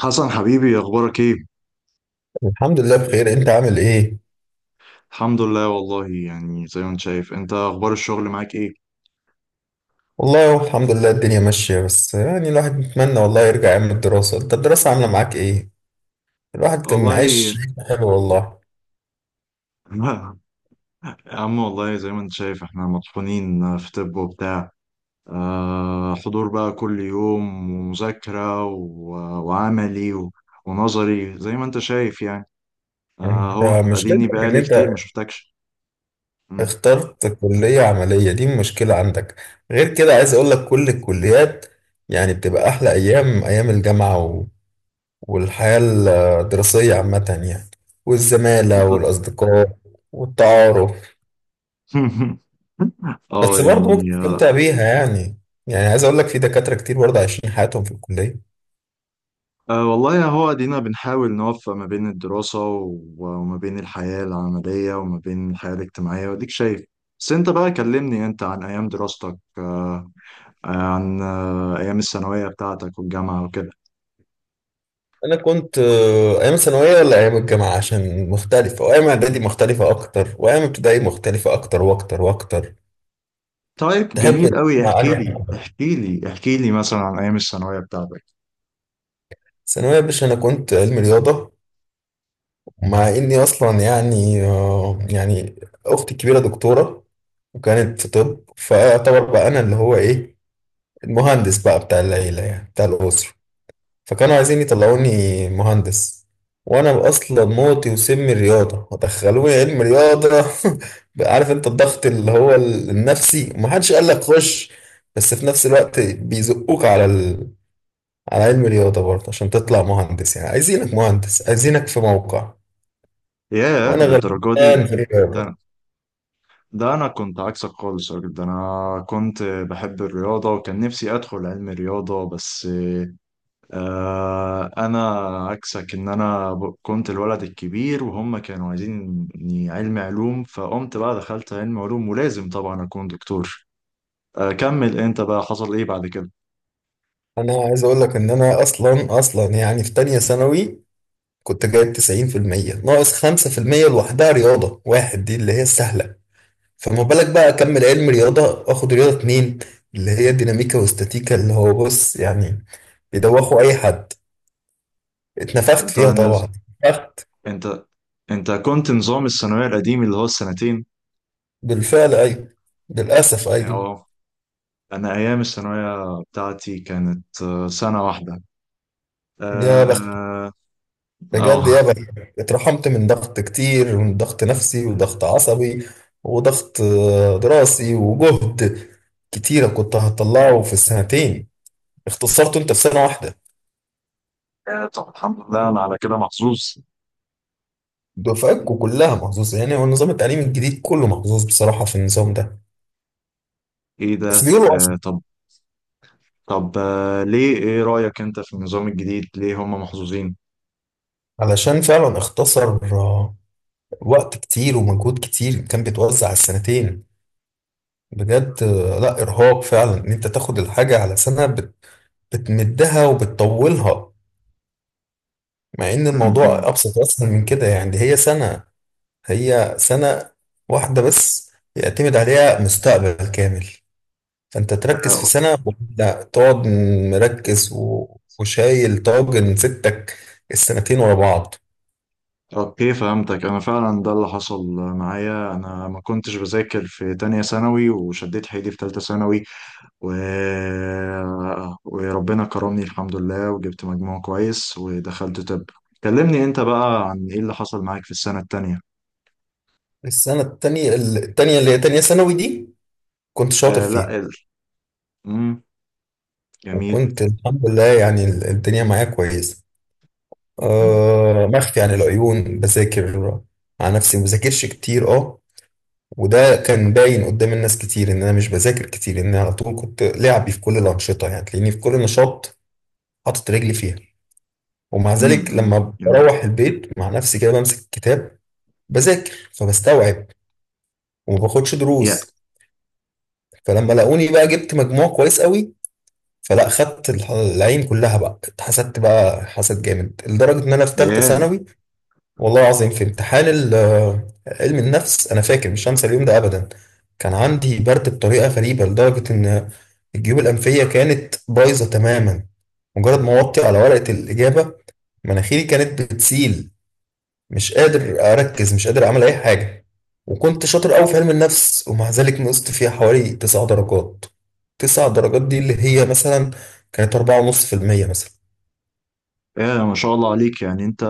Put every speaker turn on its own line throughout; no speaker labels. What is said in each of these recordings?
حسن، حبيبي، اخبارك ايه؟
الحمد لله بخير. انت عامل ايه؟
الحمد لله، والله يعني زي ما انت شايف. انت اخبار الشغل معاك ايه؟
والله هو الحمد لله الدنيا ماشية، بس يعني الواحد بيتمنى والله يرجع ايام الدراسة. انت الدراسة عاملة معاك ايه؟ الواحد كان
والله.
عايش. حلو والله.
يا عم، والله زي ما انت شايف احنا مطحونين في طب وبتاع. آه، حضور بقى كل يوم ومذاكرة وعملي ونظري زي ما انت شايف يعني.
انت
اهو اديني
مشكلتك ان
بقالي كتير ما
انت
شفتكش. مم.
اخترت كلية عملية، دي مشكلة عندك. غير كده عايز اقول لك كل الكليات يعني بتبقى احلى ايام ايام الجامعة والحياة الدراسية عامة يعني، والزمالة
انت-
والاصدقاء والتعارف.
اه
بس برضه ممكن
يعني
تستمتع بيها يعني. يعني عايز اقول لك في دكاتره كتير برضه عايشين حياتهم في الكليه.
أه، والله هو دينا بنحاول نوفق ما بين الدراسة وما بين الحياة العملية وما بين الحياة الاجتماعية وديك شايف. بس انت بقى كلمني انت عن ايام دراستك. أه آه، عن ايام الثانوية بتاعتك والجامعة وكده.
انا كنت ايام ثانويه ولا ايام الجامعه؟ عشان مختلفه، وايام اعدادي مختلفه اكتر، وايام ابتدائي مختلفه اكتر واكتر واكتر.
طيب
تحب
جميل قوي،
تسمع
احكي
انهي
لي
حاجه؟
احكي لي احكي لي مثلا عن ايام الثانوية بتاعتك.
ثانويه يا باشا. انا كنت علمي رياضه، مع اني اصلا يعني يعني اختي الكبيره دكتوره وكانت في طب، فاعتبر بقى انا اللي هو ايه، المهندس بقى بتاع العيله يعني بتاع الاسره. فكانوا عايزين يطلعوني مهندس، وانا اصلا موتي وسمي الرياضه، ودخلوني علم رياضه عارف انت الضغط اللي هو النفسي ومحدش قال لك خش، بس في نفس الوقت بيزقوك على على علم رياضه برضه عشان تطلع مهندس، يعني عايزينك مهندس، عايزينك في موقع.
ياه،
وانا
للدرجة دي؟
غلبان في الرياضه.
ده ده انا كنت عكسك خالص يا راجل، ده انا كنت بحب الرياضة وكان نفسي ادخل علم رياضة بس. انا عكسك، ان انا كنت الولد الكبير وهم كانوا عايزيني علم علوم، فقمت بقى دخلت علم علوم، ولازم طبعا اكون دكتور. كمل انت بقى، حصل ايه بعد كده؟
انا عايز اقول لك ان انا اصلا يعني في تانية ثانوي كنت جايب 90% ناقص 5%، لوحدها رياضه واحد دي اللي هي السهله. فما بالك بقى اكمل علم رياضه واخد رياضه اتنين، اللي هي ديناميكا واستاتيكا، اللي هو بص يعني بيدوخوا اي حد. اتنفخت
انت
فيها طبعا.
نز...
اتنفخت.
انت انت كنت نظام الثانوية القديم اللي هو السنتين.
بالفعل ايوه. للاسف ايوه.
اه، انا ايام الثانوية بتاعتي كانت سنة واحدة.
يا بخت،
اه.
بجد
آه.
يا بخت. اترحمت من ضغط كتير، من ضغط نفسي وضغط عصبي وضغط دراسي، وجهد كتيرة كنت هطلعه في السنتين اختصرته انت في سنة واحدة.
طب الحمد لله، انا على كده محظوظ.
دفعتكم كلها محظوظة يعني، هو النظام التعليمي الجديد كله محظوظ بصراحة في النظام ده.
ايه ده
بس بيقولوا
طب. طب ليه؟ ايه رأيك انت في النظام الجديد؟ ليه هم محظوظين؟
علشان فعلا اختصر وقت كتير ومجهود كتير كان بيتوزع على السنتين. بجد لا إرهاق فعلا إن أنت تاخد الحاجة على سنة بتمدها وبتطولها، مع إن الموضوع
م-م.
أبسط وأسهل من كده يعني. دي هي سنة واحدة بس يعتمد عليها مستقبل كامل. فأنت تركز في
آه،
سنة ولا تقعد وشايل طاجن ستك السنتين ورا بعض.
اوكي، فهمتك. انا فعلا ده اللي حصل معايا، انا ما كنتش بذاكر في تانية ثانوي وشديت حيلي في تالتة ثانوي، و... وربنا كرمني الحمد لله وجبت مجموع كويس ودخلت طب. كلمني انت بقى عن ايه اللي حصل معاك في السنة التانية.
السنة التانية اللي هي تانية ثانوي دي كنت شاطر
آه لا،
فيها.
مم. جميل.
وكنت الحمد لله يعني الدنيا معايا كويسة.
مم.
آه، مخفي عن العيون بذاكر على نفسي، ما بذاكرش كتير اه. وده كان باين قدام الناس كتير ان انا مش بذاكر كتير، ان انا على طول كنت لعبي في كل الانشطه، يعني تلاقيني في كل نشاط حاطط رجلي فيها. ومع
م-م.
ذلك
مم.
لما
جميل.
بروح البيت مع نفسي كده بمسك الكتاب بذاكر فبستوعب، وما باخدش
يا
دروس. فلما لاقوني بقى جبت مجموع كويس قوي، فلا خدت العين كلها بقى، اتحسدت بقى حسد جامد لدرجة ان انا في ثالثة
يا
ثانوي والله العظيم، في امتحان علم النفس، انا فاكر مش هنسى اليوم ده ابدا. كان عندي برد بطريقة غريبة لدرجة ان الجيوب الانفية كانت بايظة تماما. مجرد ما وطي على ورقة الاجابة مناخيري كانت بتسيل، مش قادر اركز، مش قادر اعمل اي حاجه. وكنت شاطر قوي في علم النفس ومع ذلك نقصت فيها حوالي 9 درجات. 9 درجات دي اللي هي مثلا كانت 4.5% مثلا.
يا ما شاء الله عليك. يعني انت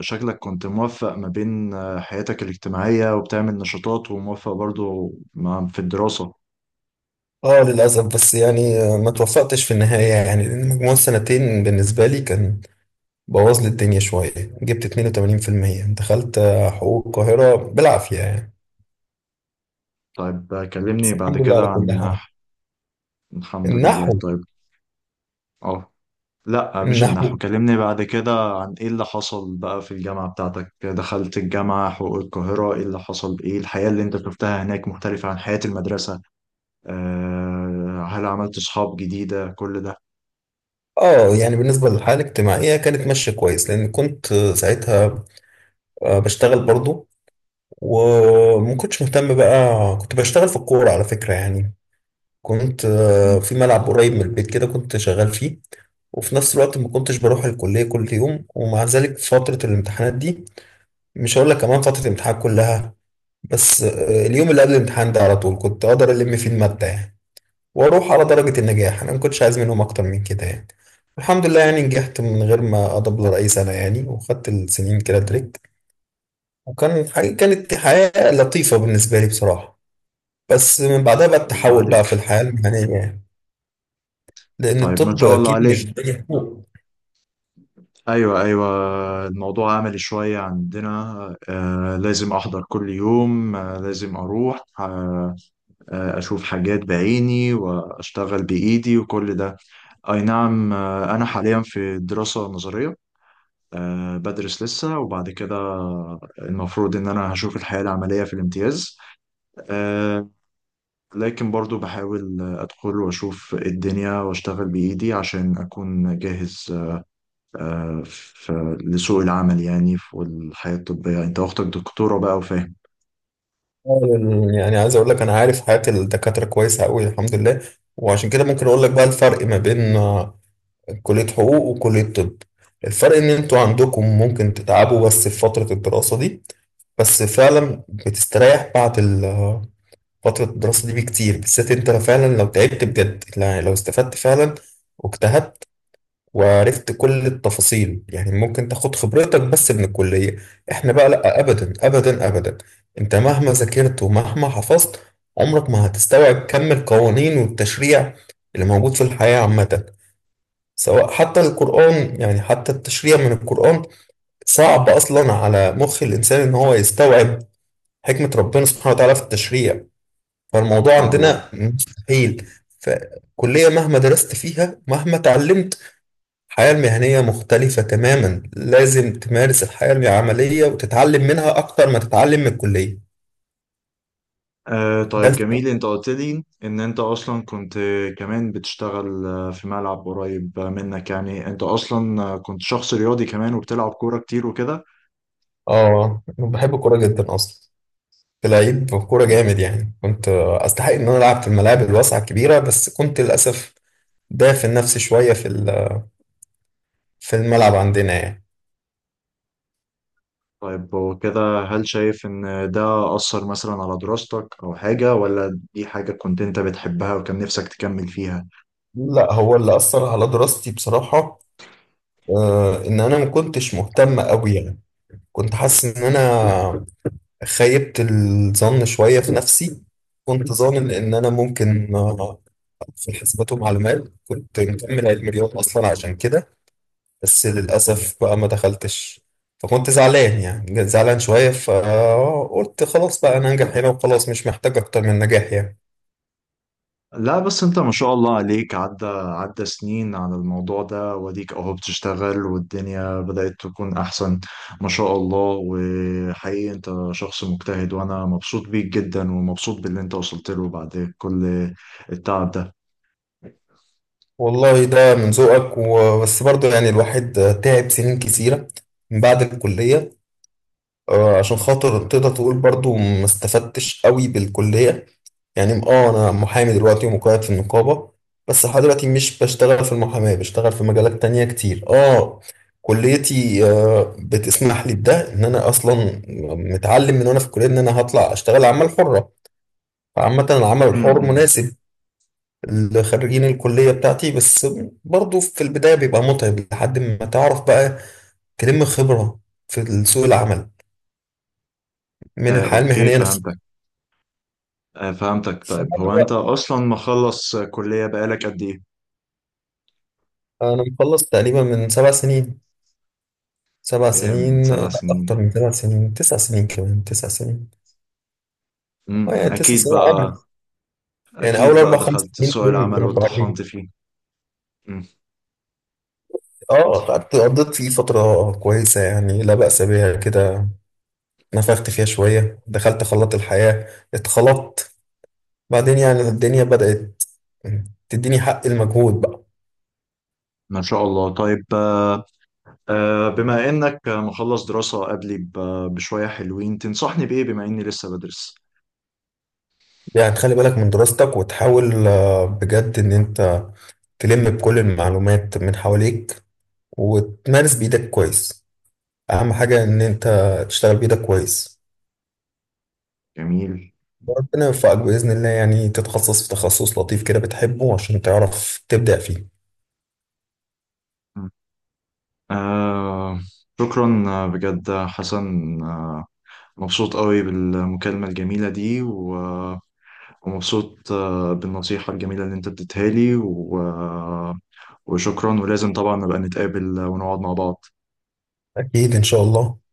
شكلك كنت موفق ما بين حياتك الاجتماعية وبتعمل نشاطات، وموفق برضو في الدراسة.
اه للأسف، بس يعني ما توفقتش في النهاية يعني، لأن مجموع السنتين بالنسبة لي كان بوظ لي الدنيا شوية. جبت 82% دخلت حقوق القاهرة بالعافية يعني.
طيب كلمني
بس
بعد
الحمد لله
كده
على
عن
كل حال.
النحو. الحمد لله،
النحو.
طيب. اه لا، مش النحو،
النحو.
كلمني بعد كده عن ايه اللي حصل بقى في الجامعة بتاعتك. دخلت الجامعة حقوق القاهرة، ايه اللي حصل؟ ايه الحياة اللي انت شفتها هناك؟ مختلفة عن حياة المدرسة؟ هل عملت صحاب جديدة كل ده؟
اه يعني بالنسبة للحالة الاجتماعية كانت ماشية كويس، لأن كنت ساعتها بشتغل برضو. وما كنتش مهتم بقى، كنت بشتغل في الكورة على فكرة يعني. كنت
ما
في ملعب قريب من البيت كده، كنت شغال فيه. وفي نفس الوقت ما كنتش بروح الكلية كل يوم. ومع ذلك فترة الامتحانات دي، مش هقول لك كمان فترة الامتحان كلها، بس اليوم اللي قبل الامتحان ده على طول كنت أقدر ألم فيه المادة يعني، وأروح على درجة النجاح. أنا ما كنتش عايز منهم أكتر من كده يعني. الحمد لله يعني نجحت من غير ما أدبلر أي سنة يعني، وخدت السنين كده تريك. وكان حاجة، كانت حياة لطيفة بالنسبة لي بصراحة. بس من بعدها بقى
شاء الله
التحول
عليك.
بقى في الحياة المهنية يعني، لأن
طيب ما
الطب
شاء الله
أكيد
عليك.
مش زي حقوق.
ايوه، ايوه، الموضوع عملي شويه عندنا. لازم احضر كل يوم، لازم اروح، اشوف حاجات بعيني واشتغل بايدي وكل ده. اي نعم، انا حاليا في دراسه نظريه، بدرس لسه، وبعد كده المفروض ان انا هشوف الحياه العمليه في الامتياز. آه لكن برضو بحاول ادخل واشوف الدنيا واشتغل بايدي عشان اكون جاهز في لسوق العمل يعني. في والحياة الطبية انت اختك دكتورة بقى وفاهم.
يعني عايز أقول لك أنا عارف حياة الدكاترة كويسة أوي الحمد لله. وعشان كده ممكن أقول لك بقى الفرق ما بين كلية حقوق وكلية طب. الفرق إن أنتوا عندكم ممكن تتعبوا بس في فترة الدراسة دي، بس فعلا بتستريح بعد فترة الدراسة دي بكتير. بالذات أنت فعلا لو تعبت بجد يعني، لو استفدت فعلا واجتهدت وعرفت كل التفاصيل يعني، ممكن تاخد خبرتك بس من الكلية. احنا بقى لا، ابدا ابدا ابدا. انت مهما ذاكرت ومهما حفظت عمرك ما هتستوعب كم القوانين والتشريع اللي موجود في الحياة عامة، سواء حتى القرآن، يعني حتى التشريع من القرآن صعب أصلا على مخ الإنسان إن هو يستوعب حكمة ربنا سبحانه وتعالى في التشريع. فالموضوع
سبحان الله.
عندنا مستحيل. فكلية مهما درست فيها مهما اتعلمت، الحياة المهنية مختلفة تماما. لازم تمارس الحياة العملية وتتعلم منها أكتر ما تتعلم من الكلية. ده
طيب
الفرق.
جميل، انت قلت لي ان انت اصلا كنت كمان بتشتغل في ملعب قريب منك. يعني انت اصلا كنت شخص رياضي كمان وبتلعب كورة كتير وكده.
آه، أنا بحب الكورة جدا أصلا. كنت لعيب كورة
جميل.
جامد يعني، كنت أستحق إن أنا ألعب في الملاعب الواسعة الكبيرة، بس كنت للأسف دافن نفسي شوية في في الملعب عندنا يعني.
طيب وكده هل شايف ان ده أثر مثلا على دراستك او حاجة؟ ولا دي حاجة كنت انت بتحبها وكان نفسك تكمل فيها؟
لا، هو اللي أثر على دراستي بصراحة إن أنا ما كنتش مهتم أوي يعني. كنت حاسس إن أنا خيبت الظن شوية في نفسي. كنت ظانن إن أنا ممكن في حسابات ومعلومات كنت مكمل علم رياضة أصلا عشان كده. بس للأسف بقى ما دخلتش. فكنت زعلان، يعني زعلان شوية، فقلت خلاص بقى أنا أنجح هنا وخلاص، مش محتاج أكتر من نجاح يعني.
لا بس انت ما شاء الله عليك، عدى عدى سنين على الموضوع ده، وديك اهو بتشتغل والدنيا بدأت تكون احسن. ما شاء الله. وحقيقي انت شخص مجتهد، وانا مبسوط بيك جدا ومبسوط باللي انت وصلت له بعد كل التعب ده.
والله ده من ذوقك، وبس برضه يعني الواحد تعب سنين كتيرة من بعد الكلية عشان خاطر تقدر تقول برضه ما استفدتش قوي بالكلية. يعني اه انا محامي دلوقتي ومقيد في النقابة، بس لحد دلوقتي مش بشتغل في المحاماة، بشتغل في مجالات تانية كتير اه. كليتي بتسمح لي بده، ان انا اصلا متعلم من وانا في الكلية ان انا هطلع اشتغل عمل حرة. فعامة العمل الحر
امم.
مناسب لخريجين الكلية بتاعتي، بس برضو في البداية بيبقى متعب لحد ما تعرف بقى تلم خبرة في سوق العمل من الحياة
اوكي،
المهنية نفسها.
فهمتك. فهمتك. طيب هو انت
فأنا
اصلا مخلص كلية بقالك قد ايه؟
أنا مخلص تقريبا من 7 سنين. سبع
ايه، من
سنين
سبع
لا، أكتر
سنين
من 7 سنين، 9 سنين. كمان 9 سنين. اه يعني تسع
اكيد
سنين
بقى،
عمر. يعني
اكيد
أول
بقى
أربع خمس
دخلت
سنين
سوق
دول
العمل
كانوا
واتطحنت
صعبين.
فيه.
اه قعدت قضيت فيه فترة كويسة يعني، لا بأس بيها كده. نفخت فيها شوية، دخلت خلاط الحياة اتخلطت. بعدين يعني الدنيا بدأت تديني حق المجهود بقى.
ما شاء الله. طيب بما انك مخلص دراسة قبلي بشوية حلوين، تنصحني بإيه بما اني لسه بدرس؟
يعني تخلي بالك من دراستك وتحاول بجد إن أنت تلم بكل المعلومات من حواليك وتمارس بإيدك كويس. أهم حاجة إن أنت تشتغل بإيدك كويس،
جميل.
وربنا يوفقك بإذن الله، يعني تتخصص في تخصص لطيف كده بتحبه عشان تعرف تبدع فيه.
آه، شكرا بجد حسن. آه، مبسوط قوي بالمكالمة الجميلة دي ومبسوط بالنصيحة الجميلة اللي انت اديتها لي وشكرا. ولازم طبعا نبقى نتقابل ونقعد مع بعض.
أكيد إن شاء الله.